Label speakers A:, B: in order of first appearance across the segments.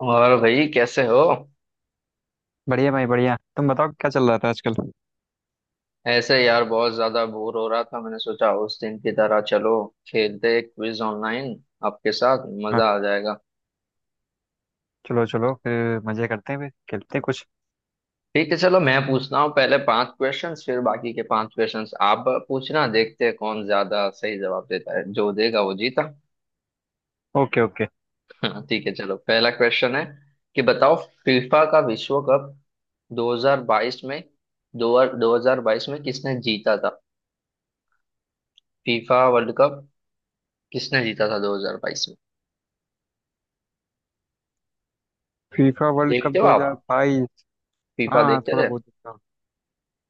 A: और भाई कैसे हो?
B: बढ़िया भाई बढ़िया। तुम बताओ क्या चल रहा था आजकल।
A: ऐसे यार बहुत ज्यादा बोर हो रहा था, मैंने सोचा उस दिन की तरह चलो खेलते क्विज ऑनलाइन, आपके साथ
B: हाँ।
A: मजा आ जाएगा।
B: चलो चलो फिर मजे करते हैं, फिर खेलते हैं कुछ।
A: ठीक है चलो मैं पूछता हूँ पहले पांच क्वेश्चंस, फिर बाकी के पांच क्वेश्चंस आप पूछना। देखते हैं कौन ज्यादा सही जवाब देता है। जो देगा वो जीता।
B: Okay okay.
A: हाँ, ठीक है चलो। पहला क्वेश्चन है कि बताओ फीफा का विश्व कप 2022 में दो 2022 में किसने जीता था? फीफा वर्ल्ड कप किसने जीता था 2022 में?
B: फीफा वर्ल्ड कप
A: देखते हो आप
B: 2022।
A: फीफा?
B: हाँ,
A: देखते
B: थोड़ा
A: थे?
B: बहुत देखा हूँ।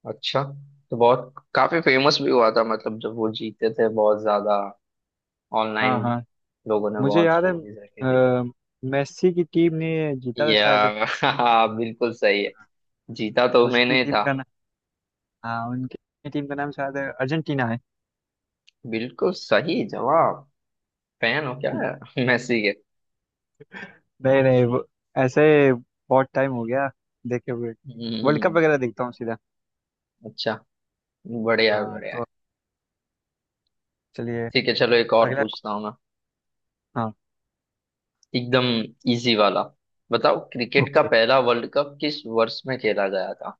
A: अच्छा। तो बहुत काफी फेमस भी हुआ था, मतलब जब वो जीते थे बहुत ज्यादा, ऑनलाइन
B: हाँ हाँ,
A: लोगों ने
B: मुझे
A: बहुत
B: याद है।
A: स्टोरीज रखी थी।
B: अ, मेस्सी की टीम ने जीता था
A: या
B: शायद।
A: हाँ, बिल्कुल सही है। जीता तो
B: उसकी
A: मैंने ही
B: टीम
A: था।
B: का नाम। हाँ, उनकी टीम का नाम शायद अर्जेंटीना है।
A: बिल्कुल सही जवाब। फैन हो क्या? मेसी के।
B: नहीं नहीं, वो ऐसे बहुत टाइम हो गया देखे हुए। वर्ल्ड कप
A: हम्म।
B: वगैरह देखता हूँ सीधा।
A: अच्छा। बढ़िया है,
B: हाँ
A: बढ़िया
B: तो
A: है।
B: चलिए।
A: ठीक है चलो एक और
B: अगला।
A: पूछता हूँ मैं,
B: हाँ।
A: एकदम इजी वाला। बताओ क्रिकेट का
B: ओके।
A: पहला वर्ल्ड कप किस वर्ष में खेला गया था?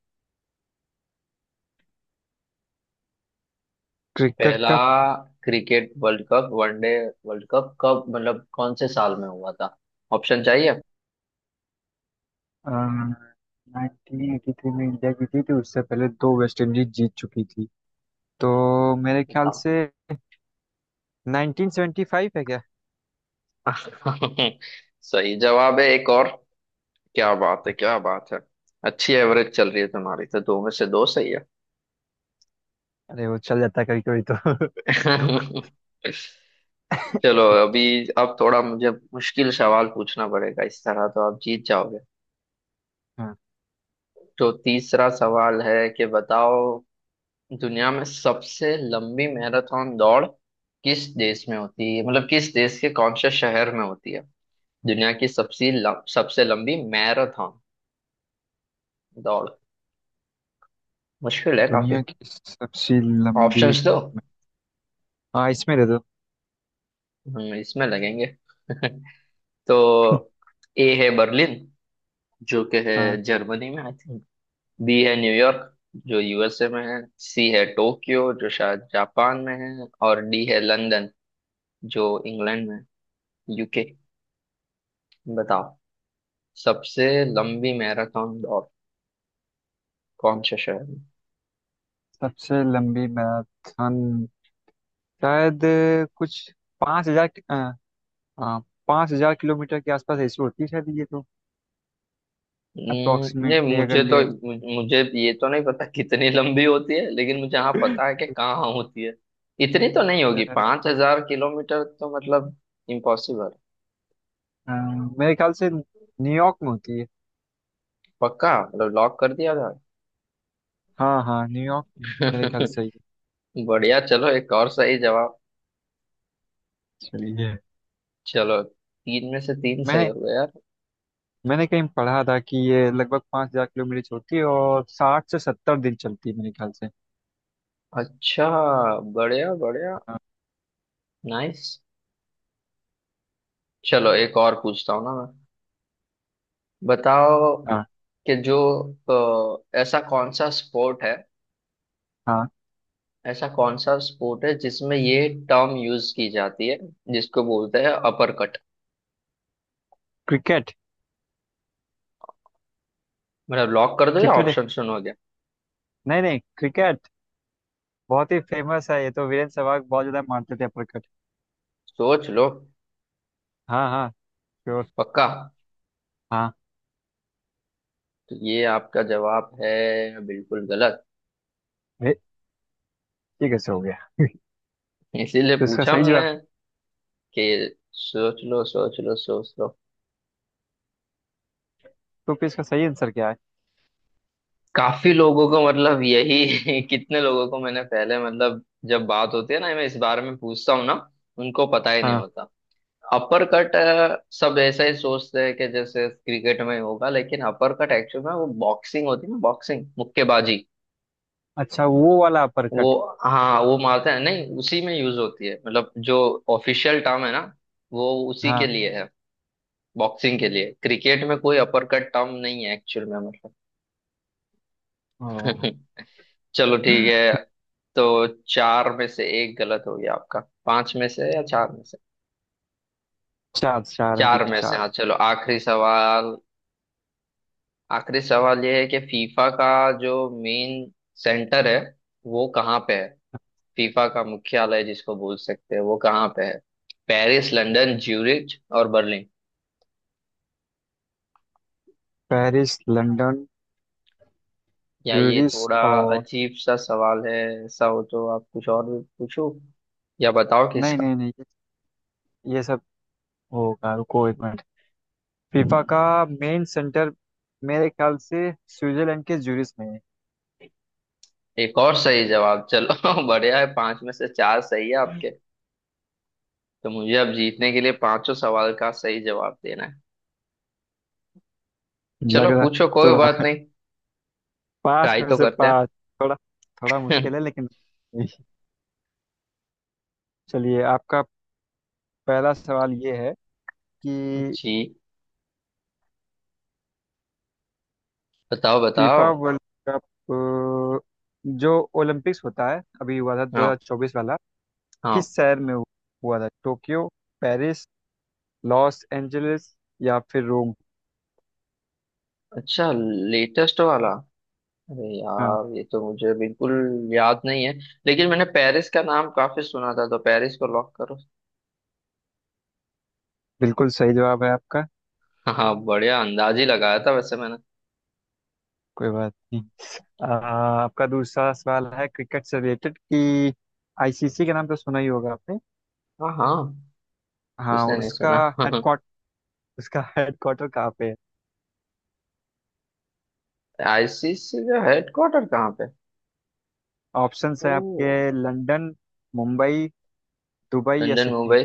B: क्रिकेट
A: पहला
B: का।
A: Cricket World Cup, one day World Cup कब, मतलब कौन से साल में हुआ था? ऑप्शन चाहिए?
B: 1983 में इंडिया जीती थी, उससे पहले दो वेस्ट इंडीज जीत चुकी थी तो मेरे ख्याल
A: बताओ।
B: से 1975 है क्या?
A: सही जवाब है। एक और। क्या बात है, क्या बात है। अच्छी एवरेज चल रही है तुम्हारी तो, दो में से दो सही है।
B: अरे वो चल जाता है कभी कभी तो।
A: चलो अभी अब थोड़ा मुझे मुश्किल सवाल पूछना पड़ेगा, इस तरह तो आप जीत जाओगे।
B: हाँ।
A: तो तीसरा सवाल है कि बताओ दुनिया में सबसे लंबी मैराथन दौड़ किस देश में होती है, मतलब किस देश के कौन से शहर में होती है? दुनिया की सबसे लंबी मैराथन दौड़। मुश्किल है काफी।
B: दुनिया की सबसे लंबी।
A: ऑप्शंस दो,
B: हाँ, इसमें दे दो।
A: हम इसमें लगेंगे। तो ए है बर्लिन, जो कि है
B: हाँ।
A: जर्मनी में आई थिंक। बी है न्यूयॉर्क, जो यूएसए में है। सी है टोक्यो, जो शायद जापान में है। और डी है लंदन, जो इंग्लैंड में, यूके। बताओ सबसे लंबी मैराथन दौड़ कौन से शहर में?
B: सबसे लंबी मैराथन शायद कुछ 5,000। हाँ। हाँ, 5,000 किलोमीटर के आसपास ऐसी होती है शायद, ये तो
A: ये
B: अप्रोक्सीमेटली
A: मुझे
B: अगर
A: तो,
B: ले तो।
A: मुझे मुझे ये तो नहीं पता कितनी लंबी होती है, लेकिन मुझे हाँ पता है कि कहाँ होती है। इतनी तो नहीं
B: अ,
A: होगी 5,000 किलोमीटर, तो मतलब इम्पॉसिबल।
B: अ, मेरे ख्याल से न्यूयॉर्क में होती है।
A: पक्का, मतलब लॉक कर दिया था।
B: हाँ हाँ, न्यूयॉर्क मेरे ख्याल से ही है।
A: बढ़िया, चलो एक और सही जवाब।
B: चलिए ये।
A: चलो तीन में से तीन सही
B: मैंने
A: हो गया यार।
B: मैंने कहीं पढ़ा था कि ये लगभग 5,000 किलोमीटर चलती है और 60 से 70 दिन चलती है मेरे ख्याल से।
A: अच्छा, बढ़िया बढ़िया।
B: हाँ
A: नाइस। चलो एक और पूछता हूँ ना। बताओ
B: हाँ
A: कि जो ऐसा कौन सा स्पोर्ट है,
B: हाँ।
A: ऐसा कौन सा स्पोर्ट है जिसमें ये टर्म यूज की जाती है, जिसको बोलते हैं अपर कट?
B: क्रिकेट
A: मतलब लॉक कर दो या
B: क्रिकेट।
A: ऑप्शन सुनोगे?
B: नहीं नहीं, क्रिकेट। बहुत ही फेमस है ये तो। वीरेंद्र सहवाग बहुत ज्यादा मानते थे अपना क्रिकेट।
A: सोच लो।
B: हाँ हाँ, श्योर।
A: पक्का?
B: हाँ।
A: तो ये आपका जवाब है। बिल्कुल गलत।
B: ये ये कैसे हो गया?
A: इसीलिए
B: तो इसका
A: पूछा
B: सही
A: हमने
B: जवाब।
A: कि सोच लो, सोच लो, सोच लो।
B: तो फिर इसका सही आंसर क्या है?
A: काफी लोगों को, मतलब यही कितने लोगों को मैंने पहले, मतलब जब बात होती है ना, मैं इस बारे में पूछता हूँ ना, उनको पता ही नहीं
B: हाँ।
A: होता। अपर कट, सब ऐसा ही सोचते हैं कि जैसे क्रिकेट में होगा, लेकिन अपर कट एक्चुअल में वो बॉक्सिंग होती है ना, बॉक्सिंग, मुक्केबाजी।
B: अच्छा, वो वाला अपर
A: वो,
B: कट।
A: हाँ वो मारते हैं नहीं, उसी में यूज होती है, मतलब जो ऑफिशियल टर्म है ना वो उसी के
B: हाँ।
A: लिए है, बॉक्सिंग के लिए। क्रिकेट में कोई अपर कट टर्म नहीं है एक्चुअल में, मतलब।
B: ओ।
A: चलो ठीक है। तो चार में से एक गलत हो गया आपका। पांच में से या चार में से?
B: चार चार है, अभी
A: चार
B: तो
A: में से, हाँ।
B: चार।
A: चलो आखिरी सवाल। आखिरी सवाल ये है कि फीफा का जो मेन सेंटर है, वो कहाँ पे है? फीफा का मुख्यालय जिसको बोल सकते हैं, वो कहाँ पे है? पेरिस, लंदन, ज्यूरिच और बर्लिन।
B: पेरिस लंदन
A: या ये
B: ज्यूरिख
A: थोड़ा
B: और।
A: अजीब सा सवाल है, ऐसा हो तो आप कुछ और भी पूछो, या बताओ कि
B: नहीं
A: इसका।
B: नहीं नहीं, ये सब होगा, रुको एक मिनट। फीफा का मेन सेंटर मेरे ख्याल से स्विट्जरलैंड के ज्यूरिख में है।
A: एक और सही जवाब, चलो। बढ़िया है, पांच में से चार सही है आपके। तो मुझे अब जीतने के लिए पांचों सवाल का सही जवाब देना है।
B: लग
A: चलो
B: रहा,
A: पूछो,
B: तो
A: कोई बात
B: रहा
A: नहीं।
B: पाँच
A: ट्राई
B: में
A: तो
B: से
A: करते
B: पाँच। थोड़ा थोड़ा
A: हैं।
B: मुश्किल है लेकिन। चलिए आपका पहला सवाल ये है कि
A: जी बताओ, बताओ।
B: फीफा वर्ल्ड कप, जो ओलंपिक्स होता है, अभी हुआ था
A: हाँ।
B: 2024 वाला,
A: हाँ।
B: किस शहर में हुआ था? टोक्यो, पेरिस, लॉस एंजलिस या फिर रोम?
A: अच्छा, लेटेस्ट वाला। अरे
B: हाँ
A: यार ये तो मुझे बिल्कुल याद नहीं है, लेकिन मैंने पेरिस का नाम काफी सुना था, तो पेरिस को लॉक करो।
B: बिल्कुल सही जवाब है आपका।
A: हाँ बढ़िया। अंदाज ही लगाया था वैसे मैंने।
B: कोई बात नहीं। आपका दूसरा सवाल है क्रिकेट से रिलेटेड कि आईसीसी का नाम तो सुना ही होगा आपने।
A: हाँ हाँ।
B: हाँ,
A: किसने नहीं सुना।
B: हेडक्वार्ट उसका हेडक्वार्टर कहाँ पे है?
A: आईसीसी का हेडक्वार्टर कहाँ पे?
B: ऑप्शंस है
A: ओ,
B: आपके। लंदन, मुंबई, दुबई या
A: London,
B: Sydney.
A: Mumbai.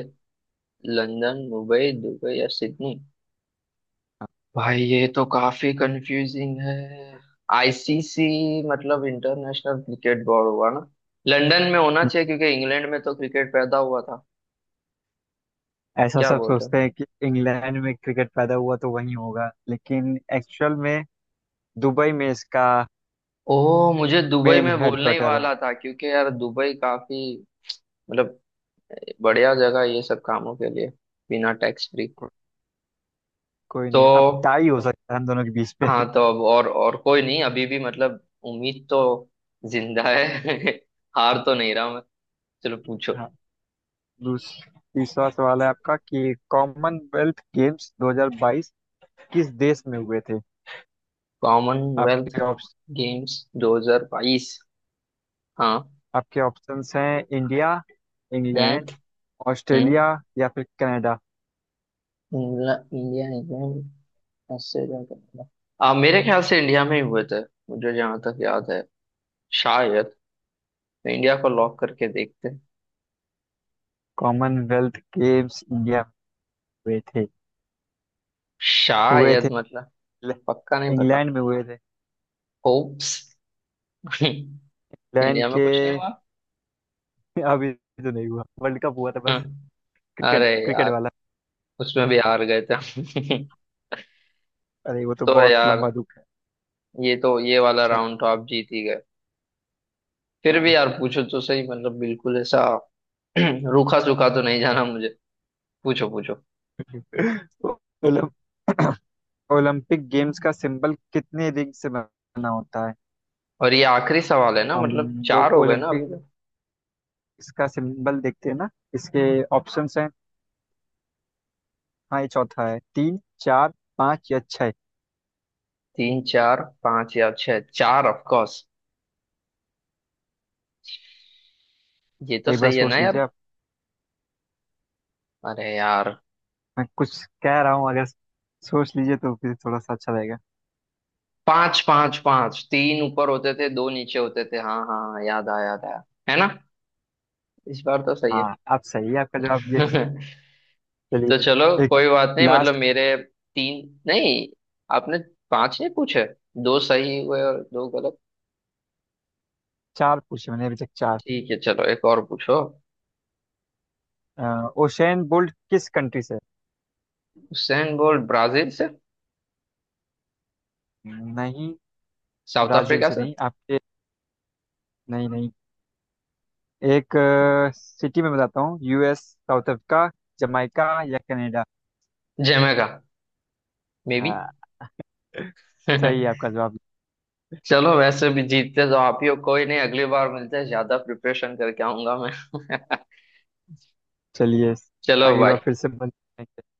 A: London, Mumbai, Dubai या सिडनी। भाई ये तो काफी कंफ्यूजिंग है। आईसीसी, मतलब इंटरनेशनल क्रिकेट बोर्ड हुआ ना, लंदन में होना
B: हम्म,
A: चाहिए क्योंकि इंग्लैंड में तो क्रिकेट पैदा हुआ था।
B: ऐसा
A: क्या
B: सब
A: बोल रहे हो?
B: सोचते हैं कि इंग्लैंड में क्रिकेट पैदा हुआ तो वहीं होगा, लेकिन एक्चुअल में दुबई में इसका
A: ओह, मुझे दुबई
B: मेन
A: में बोलने ही
B: हेडक्वार्टर है।
A: वाला था, क्योंकि यार दुबई काफी, मतलब, बढ़िया जगह है ये सब कामों के लिए, बिना टैक्स फ्री।
B: को, कोई
A: तो
B: नहीं, अब टाई हो सकता है हम दोनों के बीच में।
A: हाँ, तो अब और कोई नहीं, अभी भी मतलब उम्मीद तो जिंदा है। हार तो नहीं रहा मैं। चलो पूछो।
B: हाँ। दूस- तीसरा सवाल है आपका कि कॉमनवेल्थ गेम्स 2022 किस देश में हुए थे?
A: कॉमनवेल्थ
B: आपके ऑप्श
A: गेम्स 2022। हाँ।
B: आपके ऑप्शंस हैं इंडिया,
A: हम्म।
B: इंग्लैंड, ऑस्ट्रेलिया
A: हम्म।
B: या फिर Canada.
A: England, India, England, Australia, Canada. आ, मेरे ख्याल से इंडिया में ही हुए थे, मुझे जहां तक याद है शायद, तो इंडिया को लॉक करके देखते हैं।
B: कॉमनवेल्थ गेम्स इंडिया में हुए थे। हुए
A: शायद,
B: थे
A: मतलब
B: इंग्ल-
A: पक्का नहीं पता।
B: इंग्लैंड में हुए थे।
A: होप्स।
B: इंग्लैंड
A: इंडिया में
B: के।
A: कुछ नहीं हुआ।
B: अभी तो नहीं हुआ, वर्ल्ड कप हुआ था बस।
A: हम्म,
B: क्रिकेट,
A: अरे
B: क्रिकेट
A: यार
B: वाला।
A: उसमें भी हार गए थे हम।
B: अरे वो तो
A: तो
B: बहुत
A: यार,
B: लंबा दुख है।
A: ये तो ये वाला
B: चलिए।
A: राउंड तो आप जीत ही गए। फिर
B: हाँ।
A: भी यार पूछो तो सही, मतलब बिल्कुल ऐसा रूखा सूखा तो नहीं जाना मुझे। पूछो पूछो।
B: ओ- ओलम- ओलंपिक गेम्स का सिंबल कितने रिंग से बना होता है?
A: और ये आखिरी सवाल है ना,
B: हम
A: मतलब
B: लोग
A: चार हो गए ना अभी
B: ओलंपिक,
A: तक?
B: इसका सिंबल देखते हैं ना। इसके ऑप्शंस हैं। हाँ ये चौथा है। तीन, चार, पाँच या छः?
A: तीन, चार, पांच या छह? चार, ऑफ कोर्स, ये तो
B: एक बार
A: सही है ना
B: सोच लीजिए
A: यार।
B: आप।
A: अरे यार।
B: मैं कुछ कह रहा हूँ, अगर सोच लीजिए तो फिर थोड़ा सा अच्छा रहेगा।
A: पांच, पांच पांच, तीन ऊपर होते थे दो नीचे होते थे, हाँ हाँ हाँ, याद आया याद आया, है ना? इस बार तो सही
B: हाँ आप सही है, आपका जवाब ये।
A: है। तो
B: चलिए।
A: चलो,
B: एक
A: कोई बात नहीं, मतलब
B: लास्ट।
A: मेरे तीन नहीं, आपने पांच नहीं पूछे, दो सही हुए और दो गलत।
B: चार पूछे मैंने अभी तक, चार।
A: ठीक है चलो एक और पूछो।
B: ओशेन बोल्ट किस कंट्री से है?
A: हुसैन बोल्ट ब्राजील से।
B: नहीं।
A: साउथ
B: ब्राजील
A: अफ्रीका
B: से
A: से।
B: नहीं। आपके। नहीं नहीं, एक सिटी में बताता हूँ। यूएस, साउथ अफ्रीका, जमाइका या कनाडा।
A: जमेगा, मे बी।
B: हाँ सही है आपका जवाब।
A: चलो वैसे भी जीतते तो आप ही हो, कोई नहीं, अगली बार मिलते हैं, ज्यादा प्रिपरेशन करके आऊंगा मैं।
B: चलिए।
A: चलो
B: अगली बार
A: भाई।
B: फिर से मिलेंगे।